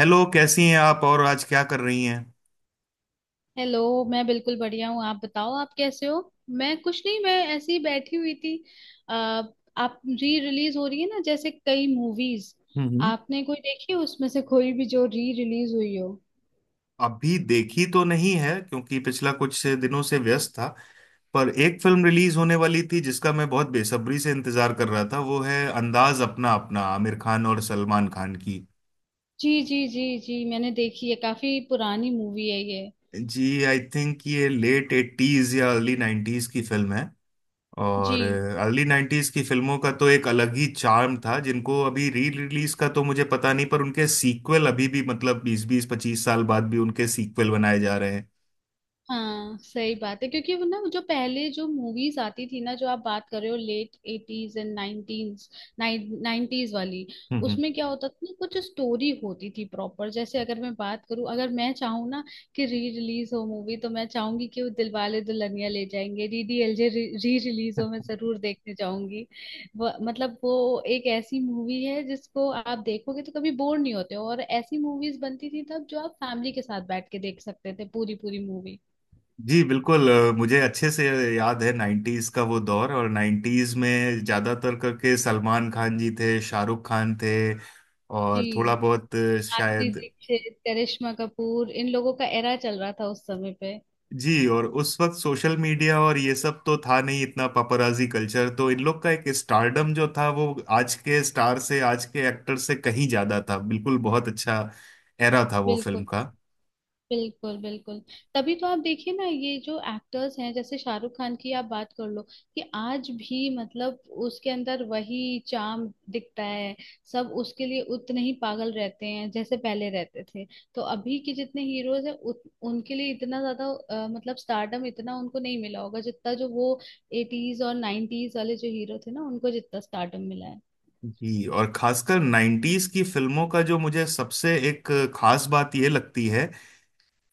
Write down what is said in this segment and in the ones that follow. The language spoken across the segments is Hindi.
हेलो, कैसी हैं आप और आज क्या कर रही हैं। हेलो। मैं बिल्कुल बढ़िया हूँ, आप बताओ आप कैसे हो। मैं कुछ नहीं, मैं ऐसे ही बैठी हुई थी। आ, आप री रिलीज हो रही है ना जैसे कई मूवीज, हम्म। आपने कोई देखी है उसमें से कोई भी जो री रिलीज हुई हो। अभी देखी तो नहीं है क्योंकि पिछला कुछ दिनों से व्यस्त था। पर एक फिल्म रिलीज होने वाली थी जिसका मैं बहुत बेसब्री से इंतजार कर रहा था, वो है अंदाज अपना अपना, आमिर खान और सलमान खान की। जी जी जी जी, मैंने देखी है, काफी पुरानी मूवी है ये। जी, आई थिंक ये लेट एट्टीज या अर्ली नाइन्टीज की फिल्म है। और जी अर्ली नाइन्टीज की फिल्मों का तो एक अलग ही चार्म था, जिनको अभी री रिलीज का तो मुझे पता नहीं, पर उनके सीक्वल अभी भी मतलब बीस बीस पच्चीस साल बाद भी उनके सीक्वल बनाए जा रहे हैं। हाँ, सही बात है, क्योंकि वो ना वो जो पहले जो मूवीज आती थी ना जो आप बात कर रहे हो, late eighties and nineties, nineties वाली। हम्म, हम्म। उसमें क्या होता था ना, कुछ स्टोरी होती थी प्रॉपर। जैसे अगर मैं बात करूँ, अगर मैं चाहूँ ना कि री रिलीज हो मूवी, तो मैं चाहूंगी कि वो दिलवाले दुल्हनिया ले जाएंगे, डीडीएलजे री रिलीज हो, मैं जरूर देखने जाऊंगी। मतलब वो एक ऐसी मूवी है जिसको आप देखोगे तो कभी बोर नहीं होते हो, और ऐसी मूवीज बनती थी तब जो आप फैमिली के साथ बैठ के देख सकते थे पूरी पूरी मूवी। जी बिल्कुल। मुझे अच्छे से याद है नाइन्टीज का वो दौर, और नाइन्टीज में ज्यादातर करके सलमान खान जी थे, शाहरुख खान थे, और थोड़ा जी, बहुत माधुरी शायद। दीक्षित, करिश्मा कपूर, इन लोगों का एरा चल रहा था उस समय पे। जी। और उस वक्त सोशल मीडिया और ये सब तो था नहीं, इतना पपराजी कल्चर। तो इन लोग का एक स्टारडम जो था वो आज के स्टार से, आज के एक्टर से कहीं ज्यादा था। बिल्कुल बहुत अच्छा एरा था वो फिल्म बिल्कुल। का। बिल्कुल बिल्कुल। तभी तो आप देखिए ना, ये जो एक्टर्स हैं जैसे शाहरुख खान की आप बात कर लो, कि आज भी मतलब उसके अंदर वही चार्म दिखता है, सब उसके लिए उतने ही पागल रहते हैं जैसे पहले रहते थे। तो अभी के जितने हीरोज हैं उनके लिए इतना ज्यादा मतलब स्टारडम इतना उनको नहीं मिला होगा जितना जो वो एटीज और नाइनटीज वाले जो हीरो थे ना उनको जितना स्टारडम मिला है। जी। और खासकर नाइन्टीज की फिल्मों का जो मुझे सबसे एक खास बात ये लगती है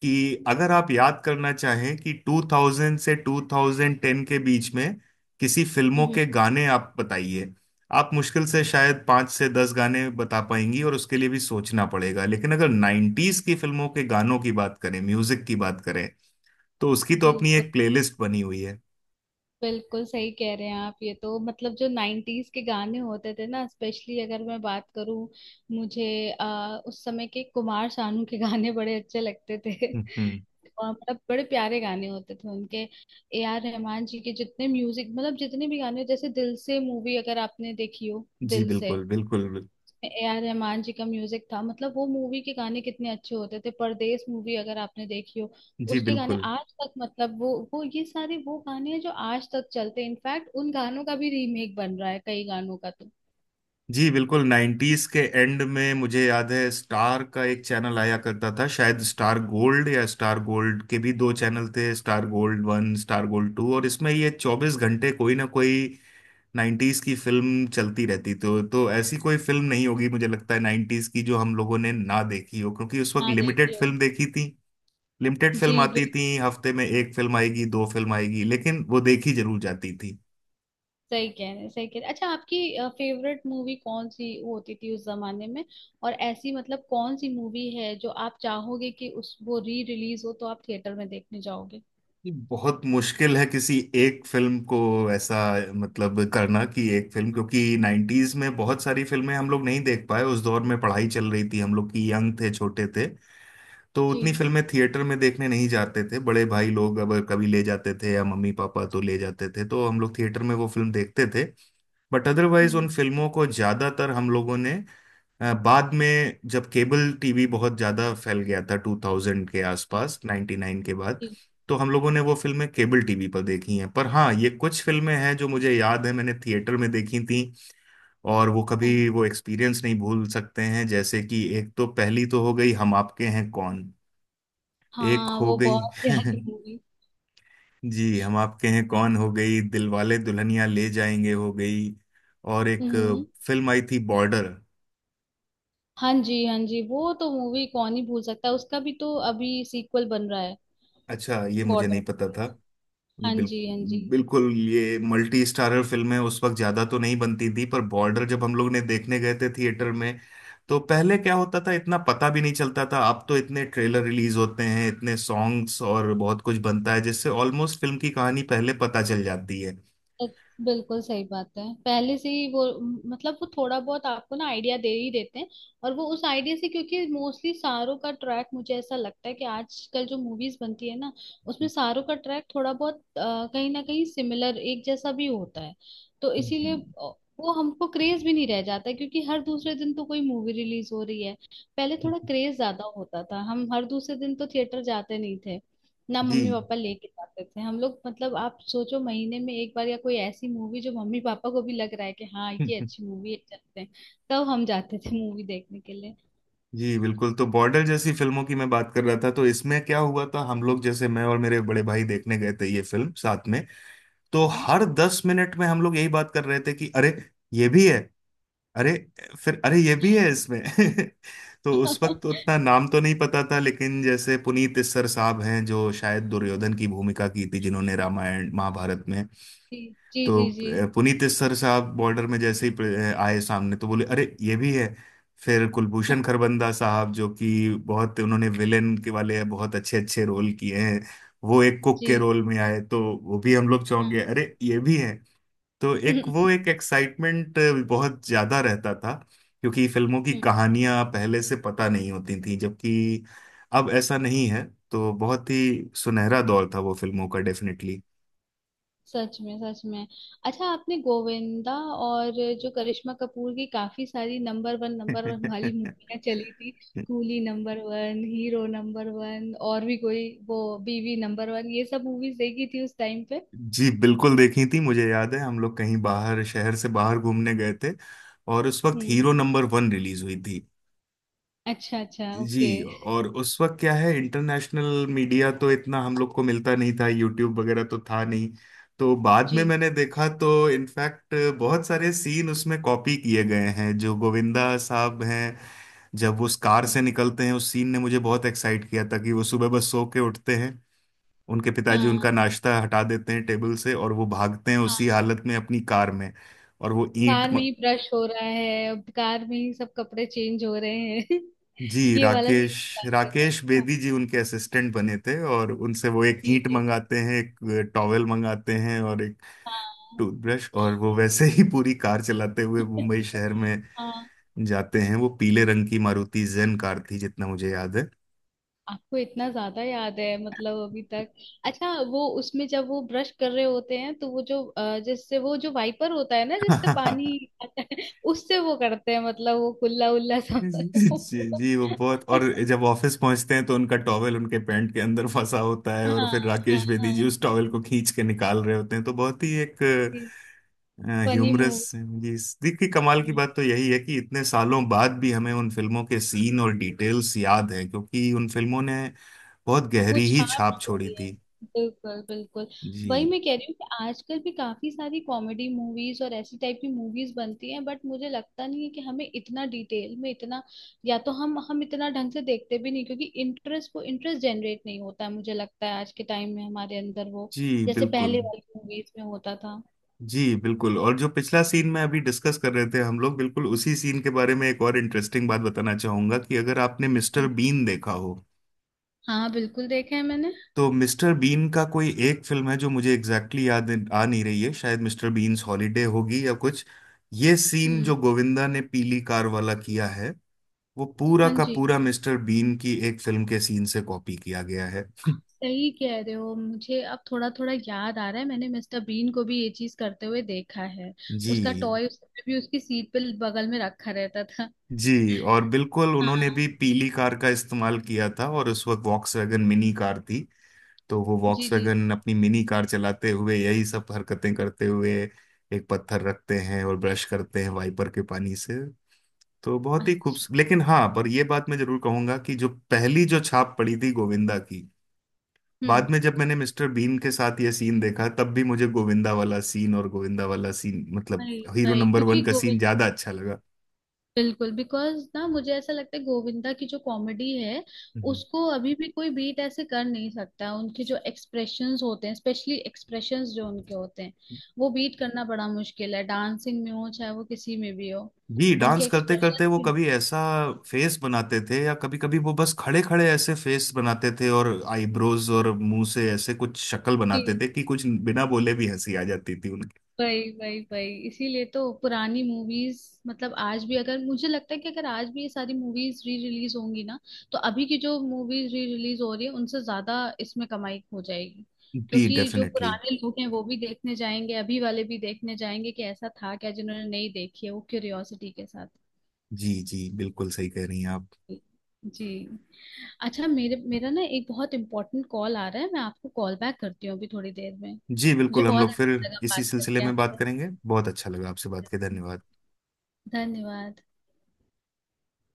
कि अगर आप याद करना चाहें कि 2000 से 2010 के बीच में किसी फिल्मों हम्म। के गाने आप बताइए, आप मुश्किल से शायद 5 से 10 गाने बता पाएंगी और उसके लिए भी सोचना पड़ेगा। लेकिन अगर 90s की फिल्मों के गानों की बात करें, म्यूजिक की बात करें, तो उसकी तो अपनी बिल्कुल एक प्लेलिस्ट बनी हुई है। बिल्कुल सही कह रहे हैं आप। ये तो मतलब जो नाइन्टीज के गाने होते थे ना, स्पेशली अगर मैं बात करूं, मुझे उस समय के कुमार सानू के गाने बड़े अच्छे लगते थे हम्म, हम्म। और मतलब बड़े प्यारे गाने होते थे उनके। ए आर रहमान जी के जितने म्यूजिक, मतलब जितने भी गाने, जैसे दिल से मूवी अगर आपने देखी हो, जी दिल से, बिल्कुल बिल्कुल। ए आर रहमान जी का म्यूजिक था, मतलब वो मूवी के गाने कितने अच्छे होते थे। परदेस मूवी अगर आपने देखी हो, जी उसके गाने बिल्कुल। आज तक, मतलब वो ये सारे वो गाने हैं जो आज तक चलते हैं, इनफैक्ट उन गानों का भी रीमेक बन रहा है कई गानों का तो। जी बिल्कुल। नाइन्टीज के एंड में मुझे याद है, स्टार का एक चैनल आया करता था, शायद स्टार गोल्ड, या स्टार गोल्ड के भी दो चैनल थे, Star Gold One, Star Gold Two, और इसमें ये 24 घंटे कोई ना कोई नाइन्टीज की फिल्म चलती रहती। तो ऐसी कोई फिल्म नहीं होगी, मुझे लगता है, नाइन्टीज की जो हम लोगों ने ना देखी हो, क्योंकि उस वक्त हाँ लिमिटेड देखिए हो। फिल्म देखी थी। लिमिटेड जी फिल्म आती बिल्कुल। थी, हफ्ते में एक फिल्म आएगी, दो फिल्म आएगी, लेकिन वो देखी जरूर जाती थी। सही कह रहे हैं, सही कह रहे हैं। अच्छा, आपकी फेवरेट मूवी कौन सी होती थी उस जमाने में, और ऐसी मतलब कौन सी मूवी है जो आप चाहोगे कि उस वो री रिलीज हो तो आप थिएटर में देखने जाओगे। ये बहुत मुश्किल है किसी एक फिल्म को ऐसा मतलब करना कि एक फिल्म, क्योंकि नाइन्टीज में बहुत सारी फिल्में हम लोग नहीं देख पाए। उस दौर में पढ़ाई चल रही थी हम लोग की, यंग थे, छोटे थे, तो उतनी जी। फिल्में थिएटर में देखने नहीं जाते थे। बड़े भाई लोग अब कभी ले जाते थे या मम्मी पापा तो ले जाते थे, तो हम लोग थिएटर में वो फिल्म देखते थे। बट अदरवाइज उन हम्म। फिल्मों को ज्यादातर हम लोगों ने बाद में जब केबल टीवी बहुत ज्यादा फैल गया था, 2000 के जी। आसपास, 99 के बाद, जी, तो हम लोगों ने वो फिल्में केबल टीवी पर देखी हैं। पर हाँ, ये कुछ फिल्में हैं जो मुझे याद है मैंने थिएटर में देखी थी, और वो हाँ। कभी वो एक्सपीरियंस नहीं भूल सकते हैं, जैसे कि एक तो पहली तो हो गई हम आपके हैं कौन, एक हाँ, हो वो गई। बहुत प्यारी मूवी। जी, हम आपके हैं कौन हो गई, दिलवाले दुल्हनिया ले जाएंगे हो गई, और एक हम्म। फिल्म आई थी बॉर्डर। हाँ जी, हाँ जी, वो तो मूवी कौन ही भूल सकता है, उसका भी तो अभी सीक्वल बन रहा है। अच्छा, ये मुझे बॉर्डर। नहीं पता था। ये हाँ बिल, जी, हाँ जी। बिल्कुल ये मल्टी स्टारर फिल्में उस वक्त ज्यादा तो नहीं बनती थी, पर बॉर्डर जब हम लोग ने देखने गए थे थिएटर में, तो पहले क्या होता था, इतना पता भी नहीं चलता था। अब तो इतने ट्रेलर रिलीज होते हैं, इतने सॉन्ग्स और बहुत कुछ बनता है, जिससे ऑलमोस्ट फिल्म की कहानी पहले पता चल जाती है। एक- बिल्कुल सही बात है, पहले से ही वो मतलब वो थोड़ा बहुत आपको ना आइडिया दे ही देते हैं। और वो उस आइडिया से, क्योंकि मोस्टली सारों का ट्रैक, मुझे ऐसा लगता है कि आजकल जो मूवीज बनती है ना, उसमें सारों का ट्रैक थोड़ा बहुत कहीं ना कहीं सिमिलर एक जैसा भी होता है। तो जी। इसीलिए अ, वो हमको क्रेज भी नहीं रह जाता है, क्योंकि हर दूसरे दिन तो कोई मूवी रिलीज हो रही है। पहले थोड़ा क्रेज ज्यादा होता था, हम हर दूसरे दिन तो थिएटर जाते नहीं थे ना, जी। मम्मी पापा लेके जाते थे हम लोग। मतलब आप सोचो, महीने में एक बार, या कोई ऐसी मूवी जो मम्मी पापा को भी लग रहा है कि हाँ ये अच्छी मूवी है चलते हैं, तब हम जाते थे मूवी देखने के लिए। जी बिल्कुल। तो बॉर्डर जैसी फिल्मों की मैं बात कर रहा था, तो इसमें क्या हुआ था हम लोग, जैसे मैं और मेरे बड़े भाई देखने गए थे ये फिल्म साथ में, तो हर 10 मिनट में हम लोग यही बात कर रहे थे कि अरे ये भी है, अरे, फिर अरे ये भी है इसमें। तो उस वक्त तो उतना नाम तो नहीं पता था, लेकिन जैसे पुनीत इस्सर साहब हैं जो शायद दुर्योधन की भूमिका की थी जिन्होंने रामायण महाभारत में, जी जी तो जी जी। पुनीत इस्सर साहब बॉर्डर में जैसे ही आए सामने, तो बोले अरे ये भी है। फिर कुलभूषण खरबंदा साहब जो कि बहुत उन्होंने विलेन के वाले बहुत अच्छे अच्छे रोल किए हैं, वो एक कुक के जी। रोल में आए, तो वो भी हम लोग चौंक गए, हाँ। अरे ये भी है। तो एक वो एक एक्साइटमेंट बहुत ज्यादा रहता था, क्योंकि फिल्मों की हम्म, कहानियां पहले से पता नहीं होती थी, जबकि अब ऐसा नहीं है। तो बहुत ही सुनहरा दौर था वो फिल्मों का डेफिनेटली। सच में, सच में। अच्छा, आपने गोविंदा और जो करिश्मा कपूर की काफी सारी नंबर 1 नंबर 1 वाली मूवियाँ चली थी, कूली नंबर 1, हीरो नंबर 1, और भी कोई वो बीवी नंबर 1, ये सब मूवीज देखी थी उस टाइम पे। जी बिल्कुल देखी थी, मुझे याद है हम लोग कहीं बाहर, शहर से बाहर घूमने गए थे और उस वक्त हम्म। हीरो नंबर वन रिलीज हुई थी। अच्छा अच्छा, ओके। जी। और उस वक्त क्या है, इंटरनेशनल मीडिया तो इतना हम लोग को मिलता नहीं था, यूट्यूब वगैरह तो था नहीं, तो बाद में जी। मैंने देखा तो इनफैक्ट बहुत सारे सीन उसमें कॉपी किए गए हैं। जो गोविंदा साहब हैं, जब वो उस कार हम्म। से निकलते हैं, उस सीन ने मुझे बहुत एक्साइट किया था, कि वो सुबह बस सो के उठते हैं, उनके पिताजी हाँ। उनका नाश्ता हटा देते हैं टेबल से और वो भागते हैं उसी हाँ, हालत में अपनी कार में। और वो ईंट। कार में ही ब्रश हो रहा है, अब कार में ही सब कपड़े चेंज हो रहे हैं। जी। ये वाला सीन राकेश बात कर रहे राकेश हो। हाँ बेदी जी उनके असिस्टेंट बने थे, और उनसे वो एक जी ईंट जी। मंगाते हैं, एक टॉवेल मंगाते हैं और एक हाँ। टूथब्रश, और वो वैसे ही पूरी कार चलाते हुए मुंबई शहर में हाँ। जाते हैं। वो पीले रंग की मारुति जेन कार थी, जितना मुझे याद आपको इतना ज्यादा याद है, मतलब अभी तक। अच्छा वो उसमें जब वो ब्रश कर रहे होते हैं, तो वो जो जिससे वो जो वाइपर होता है ना जिससे है। पानी आता है उससे वो करते हैं, मतलब वो कुल्ला उल्ला सब। जी जी। वो बहुत, और जब ऑफिस पहुंचते हैं तो उनका टॉवेल उनके पैंट के अंदर फंसा होता है, हाँ और फिर हाँ राकेश बेदी हाँ, जी उस टॉवेल को खींच के निकाल रहे होते हैं, तो बहुत ही एक फनी ह्यूमरस। मूवी। जी। देखिए कमाल की हम्म। बात तो यही है कि इतने सालों बाद भी हमें उन फिल्मों के सीन और डिटेल्स याद हैं, क्योंकि उन फिल्मों ने बहुत वो गहरी ही छाप छाप छोड़ी छोड़ी है। थी। बिल्कुल बिल्कुल। वही जी। मैं कह रही हूँ कि आजकल भी काफी सारी कॉमेडी मूवीज और ऐसी टाइप की मूवीज बनती हैं, बट मुझे लगता नहीं है कि हमें इतना डिटेल में इतना, या तो हम इतना ढंग से देखते भी नहीं क्योंकि इंटरेस्ट वो इंटरेस्ट जनरेट नहीं होता है। मुझे लगता है आज के टाइम में हमारे अंदर वो जी जैसे बिल्कुल। पहले वाली मूवीज में होता था। जी बिल्कुल, और जो पिछला सीन में अभी डिस्कस कर रहे थे हम लोग, बिल्कुल उसी सीन के बारे में एक और इंटरेस्टिंग बात बताना चाहूंगा, कि अगर आपने मिस्टर बीन देखा हो, हाँ बिल्कुल, देखा है मैंने। तो मिस्टर बीन का कोई एक फिल्म है जो मुझे एग्जैक्टली exactly याद आ नहीं रही है, शायद मिस्टर बीन्स हॉलीडे होगी या कुछ। ये सीन जो हम्म। गोविंदा ने पीली कार वाला किया है, वो पूरा हाँ का जी। पूरा मिस्टर बीन की एक फिल्म के सीन से कॉपी किया गया है। आप सही कह रहे हो, मुझे अब थोड़ा थोड़ा याद आ रहा है, मैंने मिस्टर बीन को भी ये चीज करते हुए देखा है। उसका जी। टॉय उसने भी उसकी सीट पे बगल में रखा रहता था। जी, और बिल्कुल उन्होंने हाँ। भी पीली कार का इस्तेमाल किया था, और उस वक्त वॉक्सवैगन मिनी कार थी, तो वो जी जी। वॉक्सवैगन अपनी मिनी कार चलाते हुए यही सब हरकतें करते हुए एक पत्थर रखते हैं और ब्रश करते हैं वाइपर के पानी से। तो बहुत ही अच्छा। खूबसूरत। लेकिन हाँ, पर ये बात मैं जरूर कहूंगा कि जो पहली जो छाप पड़ी थी गोविंदा की, हम्म। बाद में जब मैंने मिस्टर बीन के साथ ये सीन देखा, तब भी मुझे गोविंदा वाला सीन, और गोविंदा वाला सीन मतलब अरे हीरो भाई नंबर वन क्योंकि का सीन, गोविंदा, ज्यादा अच्छा लगा। बिल्कुल, बिकॉज ना मुझे ऐसा लगता है गोविंदा की जो कॉमेडी है, हम्म। उसको अभी भी कोई बीट ऐसे कर नहीं सकता। उनके जो एक्सप्रेशंस होते हैं, स्पेशली एक्सप्रेशंस जो उनके होते हैं, वो बीट करना बड़ा मुश्किल है, डांसिंग में हो चाहे वो किसी में भी हो। जी। उनके डांस करते करते वो एक्सप्रेशन, कभी ऐसा फेस बनाते थे, या कभी कभी वो बस खड़े खड़े ऐसे फेस बनाते थे, और आईब्रोज और मुंह से ऐसे कुछ शक्ल बनाते थे कि कुछ बिना बोले भी हंसी आ जाती थी उनकी। वही वही वही, इसीलिए तो पुरानी मूवीज मतलब आज भी, अगर मुझे लगता है कि अगर आज भी ये सारी मूवीज री रिलीज होंगी ना, तो अभी की जो मूवीज री रिलीज हो रही है उनसे ज्यादा इसमें कमाई हो जाएगी। जी क्योंकि जो डेफिनेटली। पुराने लोग हैं वो भी देखने जाएंगे, अभी वाले भी देखने जाएंगे कि ऐसा था क्या, जिन्होंने नहीं देखी है वो क्यूरियोसिटी के साथ। जी जी बिल्कुल सही कह रही हैं आप। जी। अच्छा, मेरे मेरा ना एक बहुत इंपॉर्टेंट कॉल आ रहा है, मैं आपको कॉल बैक करती हूँ अभी थोड़ी देर में। जी मुझे बिल्कुल। हम बहुत लोग फिर अच्छा लगा इसी बात सिलसिले करके में बात आपसे। करेंगे, बहुत अच्छा लगा आपसे बात के, धन्यवाद। धन्यवाद।